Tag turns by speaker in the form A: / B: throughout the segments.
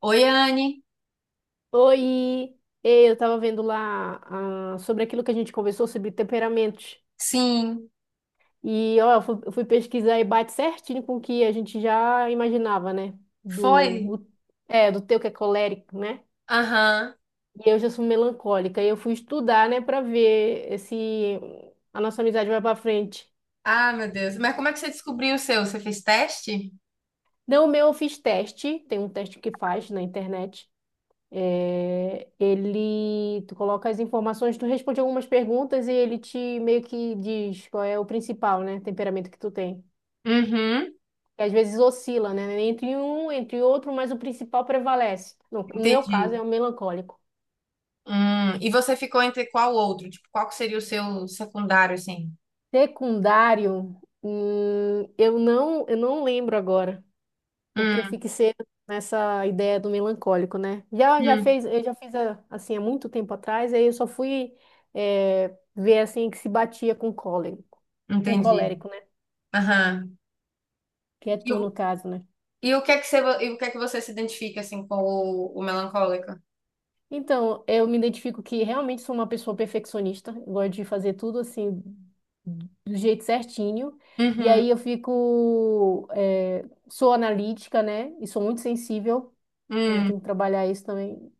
A: Oi, Anne.
B: Oi. Ei, eu tava vendo lá sobre aquilo que a gente conversou sobre temperamentos.
A: Sim,
B: E ó, eu fui pesquisar e bate certinho com o que a gente já imaginava, né? Do,
A: foi?
B: o- do teu que é colérico, né?
A: Aham.
B: E eu já sou melancólica. E eu fui estudar, né, pra ver se a nossa amizade vai pra frente.
A: Ah, meu Deus. Mas como é seu? Você fez teste?
B: Não, o meu eu fiz teste, tem um teste que faz na internet. É, ele, tu coloca as informações, tu responde algumas perguntas e ele te meio que diz qual é o principal, né, temperamento que tu tem.
A: Uhum.
B: Que às vezes oscila, né, entre um, entre outro, mas o principal prevalece. No meu caso
A: Entendi.
B: é o melancólico.
A: Hum. E você ficou entre qual outro? Tipo, qual que seria o seu secundário, assim?
B: Secundário, eu não lembro agora. Porque eu
A: Hum,
B: fico cedo nessa ideia do melancólico, né?
A: hum.
B: Eu já fiz assim há muito tempo atrás, aí eu só fui ver assim que se batia com cólico, com
A: Entendi.
B: colérico, né?
A: Aham.
B: Que é
A: E, o
B: tu no caso, né?
A: e o que é que você, e o que é que você se identifica, assim, com o melancólico?
B: Então, eu me identifico que realmente sou uma pessoa perfeccionista, eu gosto de fazer tudo assim do jeito certinho. E
A: Uhum.
B: aí eu fico, sou analítica, né? E sou muito sensível. Né? Eu
A: Hum.
B: tenho que trabalhar isso também.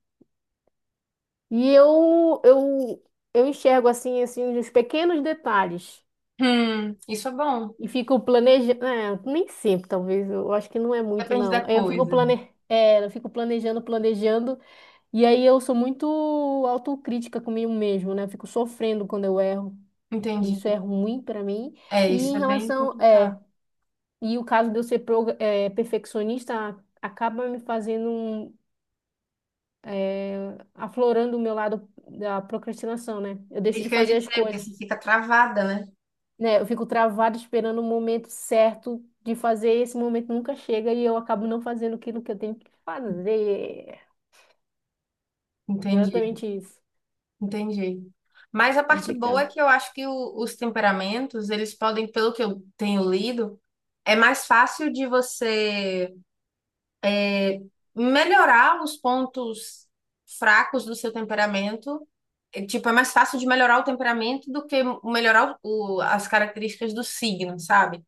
B: E eu, eu, eu enxergo assim, assim, os pequenos detalhes.
A: Hum. Isso é bom.
B: E fico planejando. É, nem sempre, talvez. Eu acho que não é muito,
A: Depende da
B: não. Aí eu fico
A: coisa.
B: eu fico planejando, planejando. E aí eu sou muito autocrítica comigo mesmo, né? Eu fico sofrendo quando eu erro. E
A: Entendi.
B: isso é ruim pra mim.
A: É,
B: E
A: isso
B: em
A: é bem
B: relação. É,
A: complicado.
B: e o caso de eu ser perfeccionista acaba me fazendo aflorando o meu lado da procrastinação, né? Eu
A: É
B: deixo
A: isso
B: de
A: que eu ia
B: fazer as
A: dizer, porque
B: coisas.
A: você fica travada, né?
B: Né? Eu fico travada esperando o momento certo de fazer, e esse momento nunca chega e eu acabo não fazendo aquilo que eu tenho que fazer.
A: Entendi.
B: Exatamente isso.
A: Entendi. Mas a parte boa é
B: Complicado.
A: que eu acho que os temperamentos, eles podem, pelo que eu tenho lido, é mais fácil de você melhorar os pontos fracos do seu temperamento. É, tipo, é mais fácil de melhorar o temperamento do que melhorar as características do signo, sabe?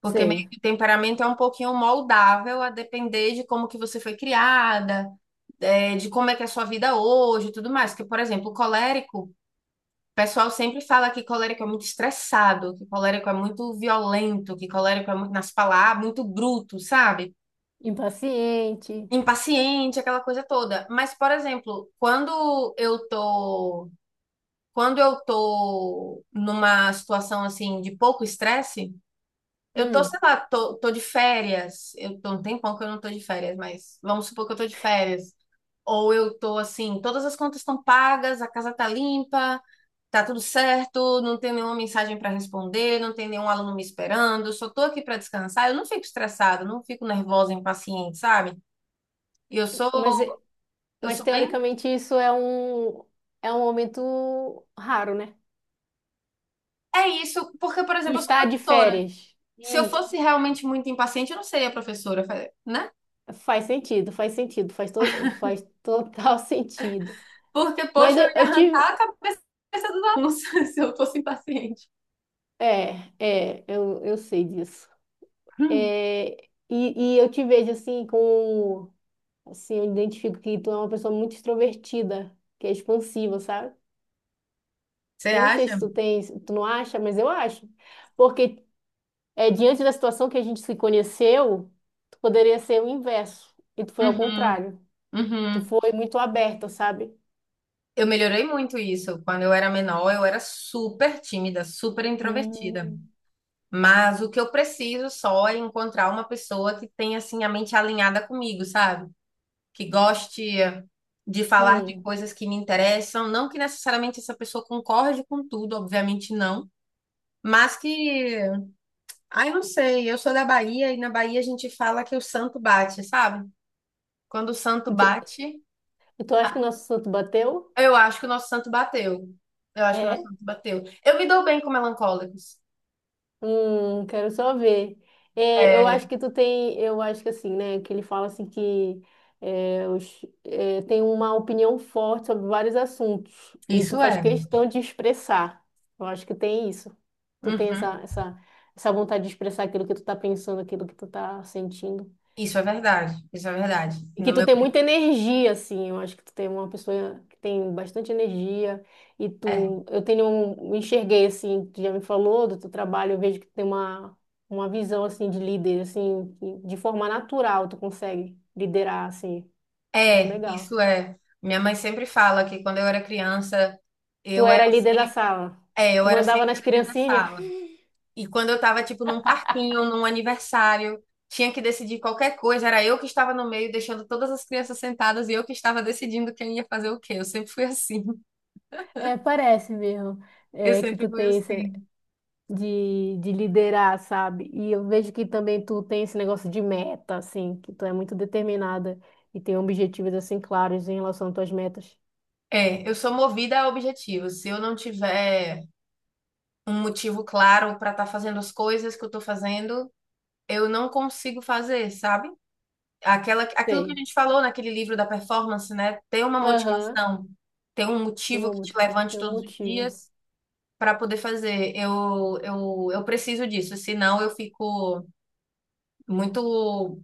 A: Porque meio
B: Sei.
A: que o temperamento é um pouquinho moldável a depender de como que você foi criada, é, de como é que é a sua vida hoje e tudo mais. Porque, por exemplo, o colérico. O pessoal sempre fala que colérico é muito estressado, que colérico é muito violento, que colérico é muito nas palavras, ah, muito bruto, sabe?
B: Impaciente.
A: Impaciente, aquela coisa toda. Mas, por exemplo, quando eu tô numa situação assim de pouco estresse, eu tô,
B: Hum.
A: sei lá, tô de férias. Eu tô um tempão que eu não tô de férias, mas vamos supor que eu tô de férias. Ou eu tô assim, todas as contas estão pagas, a casa tá limpa, tá tudo certo, não tem nenhuma mensagem para responder, não tem nenhum aluno me esperando, só tô aqui para descansar. Eu não fico estressada, não fico nervosa, impaciente, sabe? E eu sou,
B: Mas,
A: eu
B: mas
A: sou bem.
B: teoricamente é um momento raro, né?
A: É isso, porque, por
B: Tu
A: exemplo, eu sou
B: está de
A: professora.
B: férias.
A: Se eu
B: Isso.
A: fosse realmente muito impaciente, eu não seria professora, né?
B: Faz sentido, faz sentido, faz total sentido.
A: Porque,
B: Mas
A: poxa, eu ia
B: eu tive.
A: arrancar a cabeça dos alunos se eu fosse impaciente.
B: É, é, eu sei disso.
A: Hum.
B: É, e eu te vejo assim com, assim, eu identifico que tu é uma pessoa muito extrovertida, que é expansiva, sabe?
A: Você
B: Eu não sei se
A: acha?
B: tu tens, tu não acha, mas eu acho. Porque é, diante da situação que a gente se conheceu, tu poderia ser o inverso, e tu foi ao
A: Uhum,
B: contrário. Tu
A: uhum.
B: foi muito aberta, sabe?
A: Eu melhorei muito isso. Quando eu era menor, eu era super tímida, super introvertida.
B: Hum,
A: Mas o que eu preciso só é encontrar uma pessoa que tenha assim a mente alinhada comigo, sabe? Que goste de falar de
B: hum.
A: coisas que me interessam, não que necessariamente essa pessoa concorde com tudo, obviamente não, mas que, ai, não sei, eu sou da Bahia e na Bahia a gente fala que o santo bate, sabe? Quando o santo
B: E tu,
A: bate,
B: e tu acha que o nosso santo bateu?
A: eu acho que o nosso santo bateu. Eu acho que o nosso
B: É.
A: santo bateu. Eu me dou bem com melancólicos.
B: Quero só ver. É, eu
A: É,
B: acho que tu tem, eu acho que assim, né, que ele fala assim que é, tem uma opinião forte sobre vários assuntos e tu
A: isso
B: faz
A: é.
B: questão de expressar. Eu acho que tem isso. Tu tem essa,
A: Uhum.
B: essa, essa vontade de expressar aquilo que tu tá pensando, aquilo que tu tá sentindo.
A: Isso é verdade. Isso é verdade.
B: E
A: No
B: que tu
A: meu,
B: tem muita energia, assim. Eu acho que tu tem uma pessoa que tem bastante energia. E
A: é,
B: tu, eu tenho, me enxerguei, assim, tu já me falou do teu trabalho, eu vejo que tu tem uma visão, assim, de líder, assim, que de forma natural tu consegue liderar, assim. Eu acho legal.
A: isso é. Minha mãe sempre fala que quando eu era criança,
B: Tu
A: eu era,
B: era líder da sala.
A: é, eu
B: Tu
A: era
B: mandava
A: sempre
B: nas
A: a líder da
B: criancinhas.
A: sala. E quando eu tava, tipo, num parquinho, num aniversário, tinha que decidir qualquer coisa, era eu que estava no meio, deixando todas as crianças sentadas e eu que estava decidindo quem ia fazer o quê. Eu sempre fui assim.
B: É, parece mesmo,
A: Eu
B: é, que
A: sempre
B: tu
A: fui
B: tem isso,
A: assim.
B: de liderar, sabe? E eu vejo que também tu tem esse negócio de meta, assim, que tu é muito determinada e tem objetivos, assim, claros em relação às tuas metas.
A: É, eu sou movida a objetivos. Se eu não tiver um motivo claro para estar fazendo as coisas que eu estou fazendo, eu não consigo fazer, sabe? Aquela, aquilo que a
B: Sei.
A: gente falou naquele livro da performance, né? Ter uma
B: Aham.
A: motivação, ter um
B: Tem
A: motivo
B: um
A: que te
B: motivo.
A: levante
B: Tem um
A: todos os
B: motivo.
A: dias para poder fazer. Eu preciso disso, senão eu fico muito.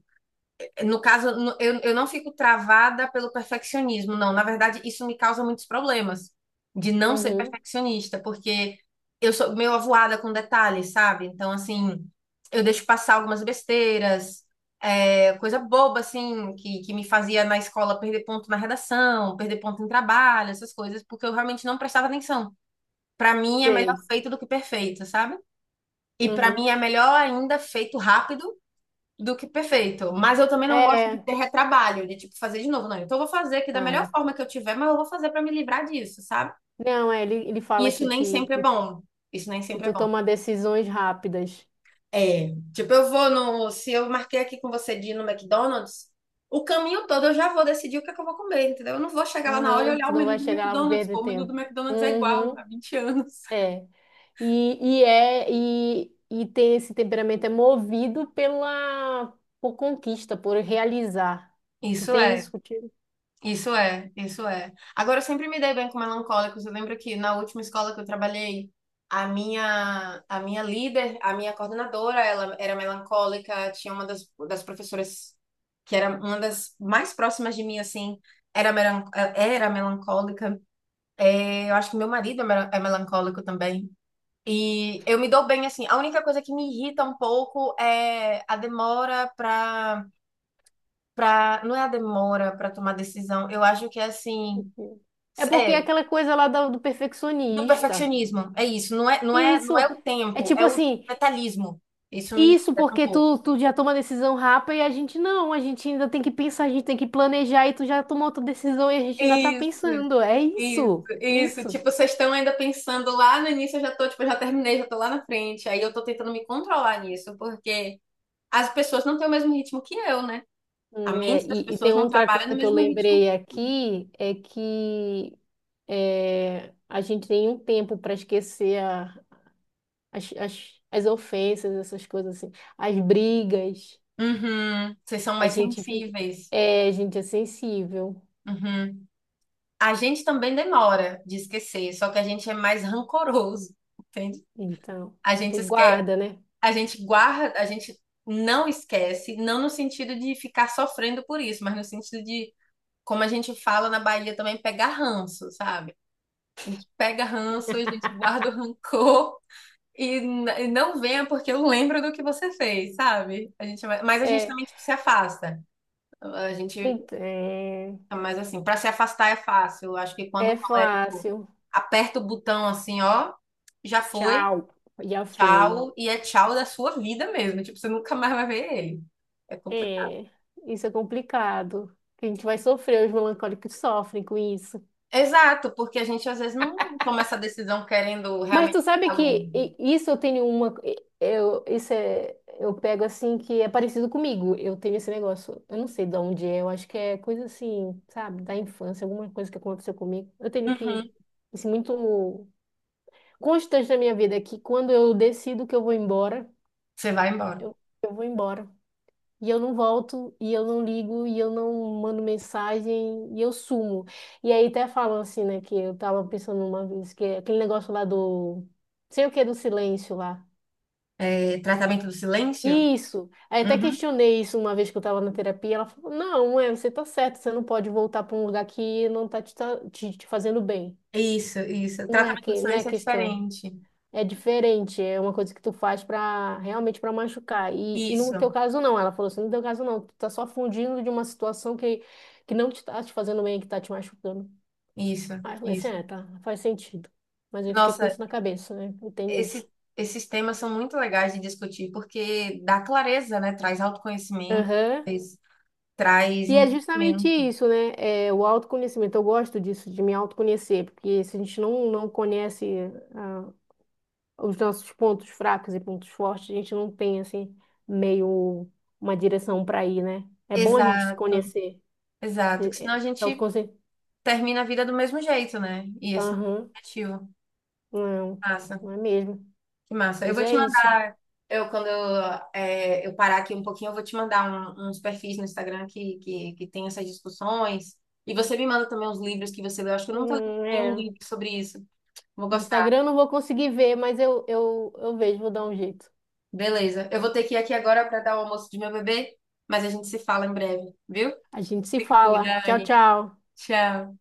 A: No caso, eu não fico travada pelo perfeccionismo, não. Na verdade, isso me causa muitos problemas de não ser
B: Uhum.
A: perfeccionista, porque eu sou meio avoada com detalhes, sabe? Então, assim, eu deixo passar algumas besteiras, é, coisa boba, assim, que me fazia na escola perder ponto na redação, perder ponto em trabalho, essas coisas, porque eu realmente não prestava atenção. Para mim, é melhor
B: Sei.
A: feito do que perfeito, sabe? E para
B: Uhum.
A: mim, é melhor ainda feito rápido do que perfeito. Mas eu também não gosto de
B: É.
A: ter retrabalho, de tipo fazer de novo, não. Então eu vou fazer aqui da melhor
B: Ah.
A: forma que eu tiver, mas eu vou fazer pra me livrar disso, sabe?
B: Não, é, ele
A: E
B: fala
A: isso
B: aqui
A: nem sempre é bom. Isso nem
B: que
A: sempre é
B: tu
A: bom.
B: toma decisões rápidas.
A: É, tipo, eu vou no, se eu marquei aqui com você de ir no McDonald's, o caminho todo eu já vou decidir o que é que eu vou comer, entendeu? Eu não vou chegar lá na hora e
B: Aham.
A: olhar
B: Tu
A: o
B: não
A: menu
B: vai
A: do
B: chegar lá pra
A: McDonald's,
B: perder
A: pô, o menu do
B: tempo.
A: McDonald's é igual há
B: Uhum.
A: 20 anos.
B: É. E tem esse temperamento é movido pela por conquista, por realizar. Tu
A: Isso
B: tem
A: é.
B: isso contigo?
A: Isso é. Agora, eu sempre me dei bem com melancólicos. Eu lembro que na última escola que eu trabalhei, a minha líder, a minha coordenadora, ela era melancólica. Tinha uma das professoras que era uma das mais próximas de mim, assim, era, melan- era melancólica. É, eu acho que meu marido é melancólico também. E eu me dou bem, assim. A única coisa que me irrita um pouco é a demora para. Não é a demora para tomar decisão. Eu acho que é assim.
B: É porque é
A: É,
B: aquela coisa lá do, do
A: do
B: perfeccionista.
A: perfeccionismo. É isso.
B: E isso
A: Não é o
B: é
A: tempo,
B: tipo
A: é o
B: assim,
A: detalhismo. Isso me
B: isso
A: estressa um
B: porque
A: pouco.
B: tu, tu já toma decisão rápida e a gente não, a gente ainda tem que pensar, a gente tem que planejar e tu já tomou outra decisão e a gente ainda tá
A: Isso,
B: pensando. É
A: isso,
B: isso, é
A: isso.
B: isso.
A: Tipo, vocês estão ainda pensando lá no início, eu já tô, tipo, eu já terminei, já tô lá na frente. Aí eu tô tentando me controlar nisso, porque as pessoas não têm o mesmo ritmo que eu, né? A
B: É,
A: mente das
B: e tem
A: pessoas não
B: outra
A: trabalha no
B: coisa que eu
A: mesmo ritmo.
B: lembrei aqui, é que é, a gente tem um tempo para esquecer as, as ofensas, essas coisas assim, as brigas.
A: Uhum, vocês são
B: A
A: mais
B: gente fica,
A: sensíveis.
B: é, a gente é sensível.
A: Uhum. A gente também demora de esquecer, só que a gente é mais rancoroso, entende?
B: Então,
A: A
B: tu
A: gente esquece,
B: guarda, né?
A: a gente guarda, a gente não esquece, não no sentido de ficar sofrendo por isso, mas no sentido de, como a gente fala na Bahia também, pegar ranço, sabe? A gente pega ranço, a gente guarda o rancor e não venha porque eu lembro do que você fez, sabe? A gente, mas a gente
B: É,
A: também tipo, se afasta. A gente,
B: é,
A: mas assim, para se afastar é fácil. Eu acho que quando
B: é
A: o colérico
B: fácil.
A: aperta o botão assim, ó, já foi.
B: Tchau, já foi.
A: Tchau e é tchau da sua vida mesmo. Tipo, você nunca mais vai ver ele. É complicado.
B: É, isso é complicado. A gente vai sofrer, os melancólicos sofrem com isso.
A: Exato, porque a gente às vezes não toma essa decisão querendo
B: Mas
A: realmente
B: tu sabe
A: ficar longe.
B: que isso eu tenho uma. Eu, isso é. Eu pego assim que é parecido comigo. Eu tenho esse negócio. Eu não sei de onde é. Eu acho que é coisa assim, sabe? Da infância, alguma coisa que aconteceu comigo. Eu tenho que.
A: Uhum.
B: Isso é muito constante na minha vida é que quando eu decido que eu vou embora,
A: Você vai embora.
B: eu, eu vou embora. E eu não volto, e eu não ligo, e eu não mando mensagem, e eu sumo. E aí até falam assim, né, que eu tava pensando uma vez, que é aquele negócio lá do, sei o que, do silêncio lá.
A: É, tratamento do silêncio?
B: Isso. Aí até
A: Uhum.
B: questionei isso uma vez que eu tava na terapia, ela falou, não, é, você tá certo, você não pode voltar para um lugar que não tá te, te fazendo bem.
A: Isso, isso.
B: Não é
A: Tratamento do
B: que, não é
A: silêncio é
B: questão.
A: diferente.
B: É diferente, é uma coisa que tu faz pra realmente pra machucar. E no
A: Isso,
B: teu caso não, ela falou assim, no teu caso não, tu tá só fugindo de uma situação que não te tá te fazendo bem, que tá te machucando.
A: isso,
B: Aí eu falei assim,
A: isso.
B: é, tá, faz sentido. Mas eu fiquei com
A: Nossa,
B: isso na cabeça, né? Eu tenho isso.
A: esse, esses temas são muito legais de discutir, porque dá clareza, né? Traz autoconhecimento,
B: Aham.
A: traz traz
B: E é justamente
A: entendimento.
B: isso, né? É, o autoconhecimento. Eu gosto disso, de me autoconhecer, porque se a gente não, não conhece os nossos pontos fracos e pontos fortes, a gente não tem assim meio uma direção para ir, né? É bom a gente se
A: Exato,
B: conhecer.
A: exato. Que senão
B: É,
A: a
B: é,
A: gente
B: autoconhe-
A: termina a vida do mesmo jeito, né? E esse não é
B: Aham,
A: o objetivo.
B: não,
A: Massa,
B: não é mesmo.
A: que massa. Eu
B: Mas
A: vou te
B: é isso.
A: mandar. Eu, quando eu, eu parar aqui um pouquinho, eu vou te mandar uns perfis no Instagram que tem essas discussões. E você me manda também uns livros que você leu. Acho que eu nunca li nenhum
B: É.
A: livro sobre isso. Vou
B: No
A: gostar.
B: Instagram eu não vou conseguir ver, mas eu vejo, vou dar um jeito.
A: Beleza. Eu vou ter que ir aqui agora para dar o almoço de meu bebê, mas a gente se fala em breve, viu?
B: A gente se
A: Fica com
B: fala.
A: cuida,
B: Tchau,
A: Anne.
B: tchau.
A: Tchau.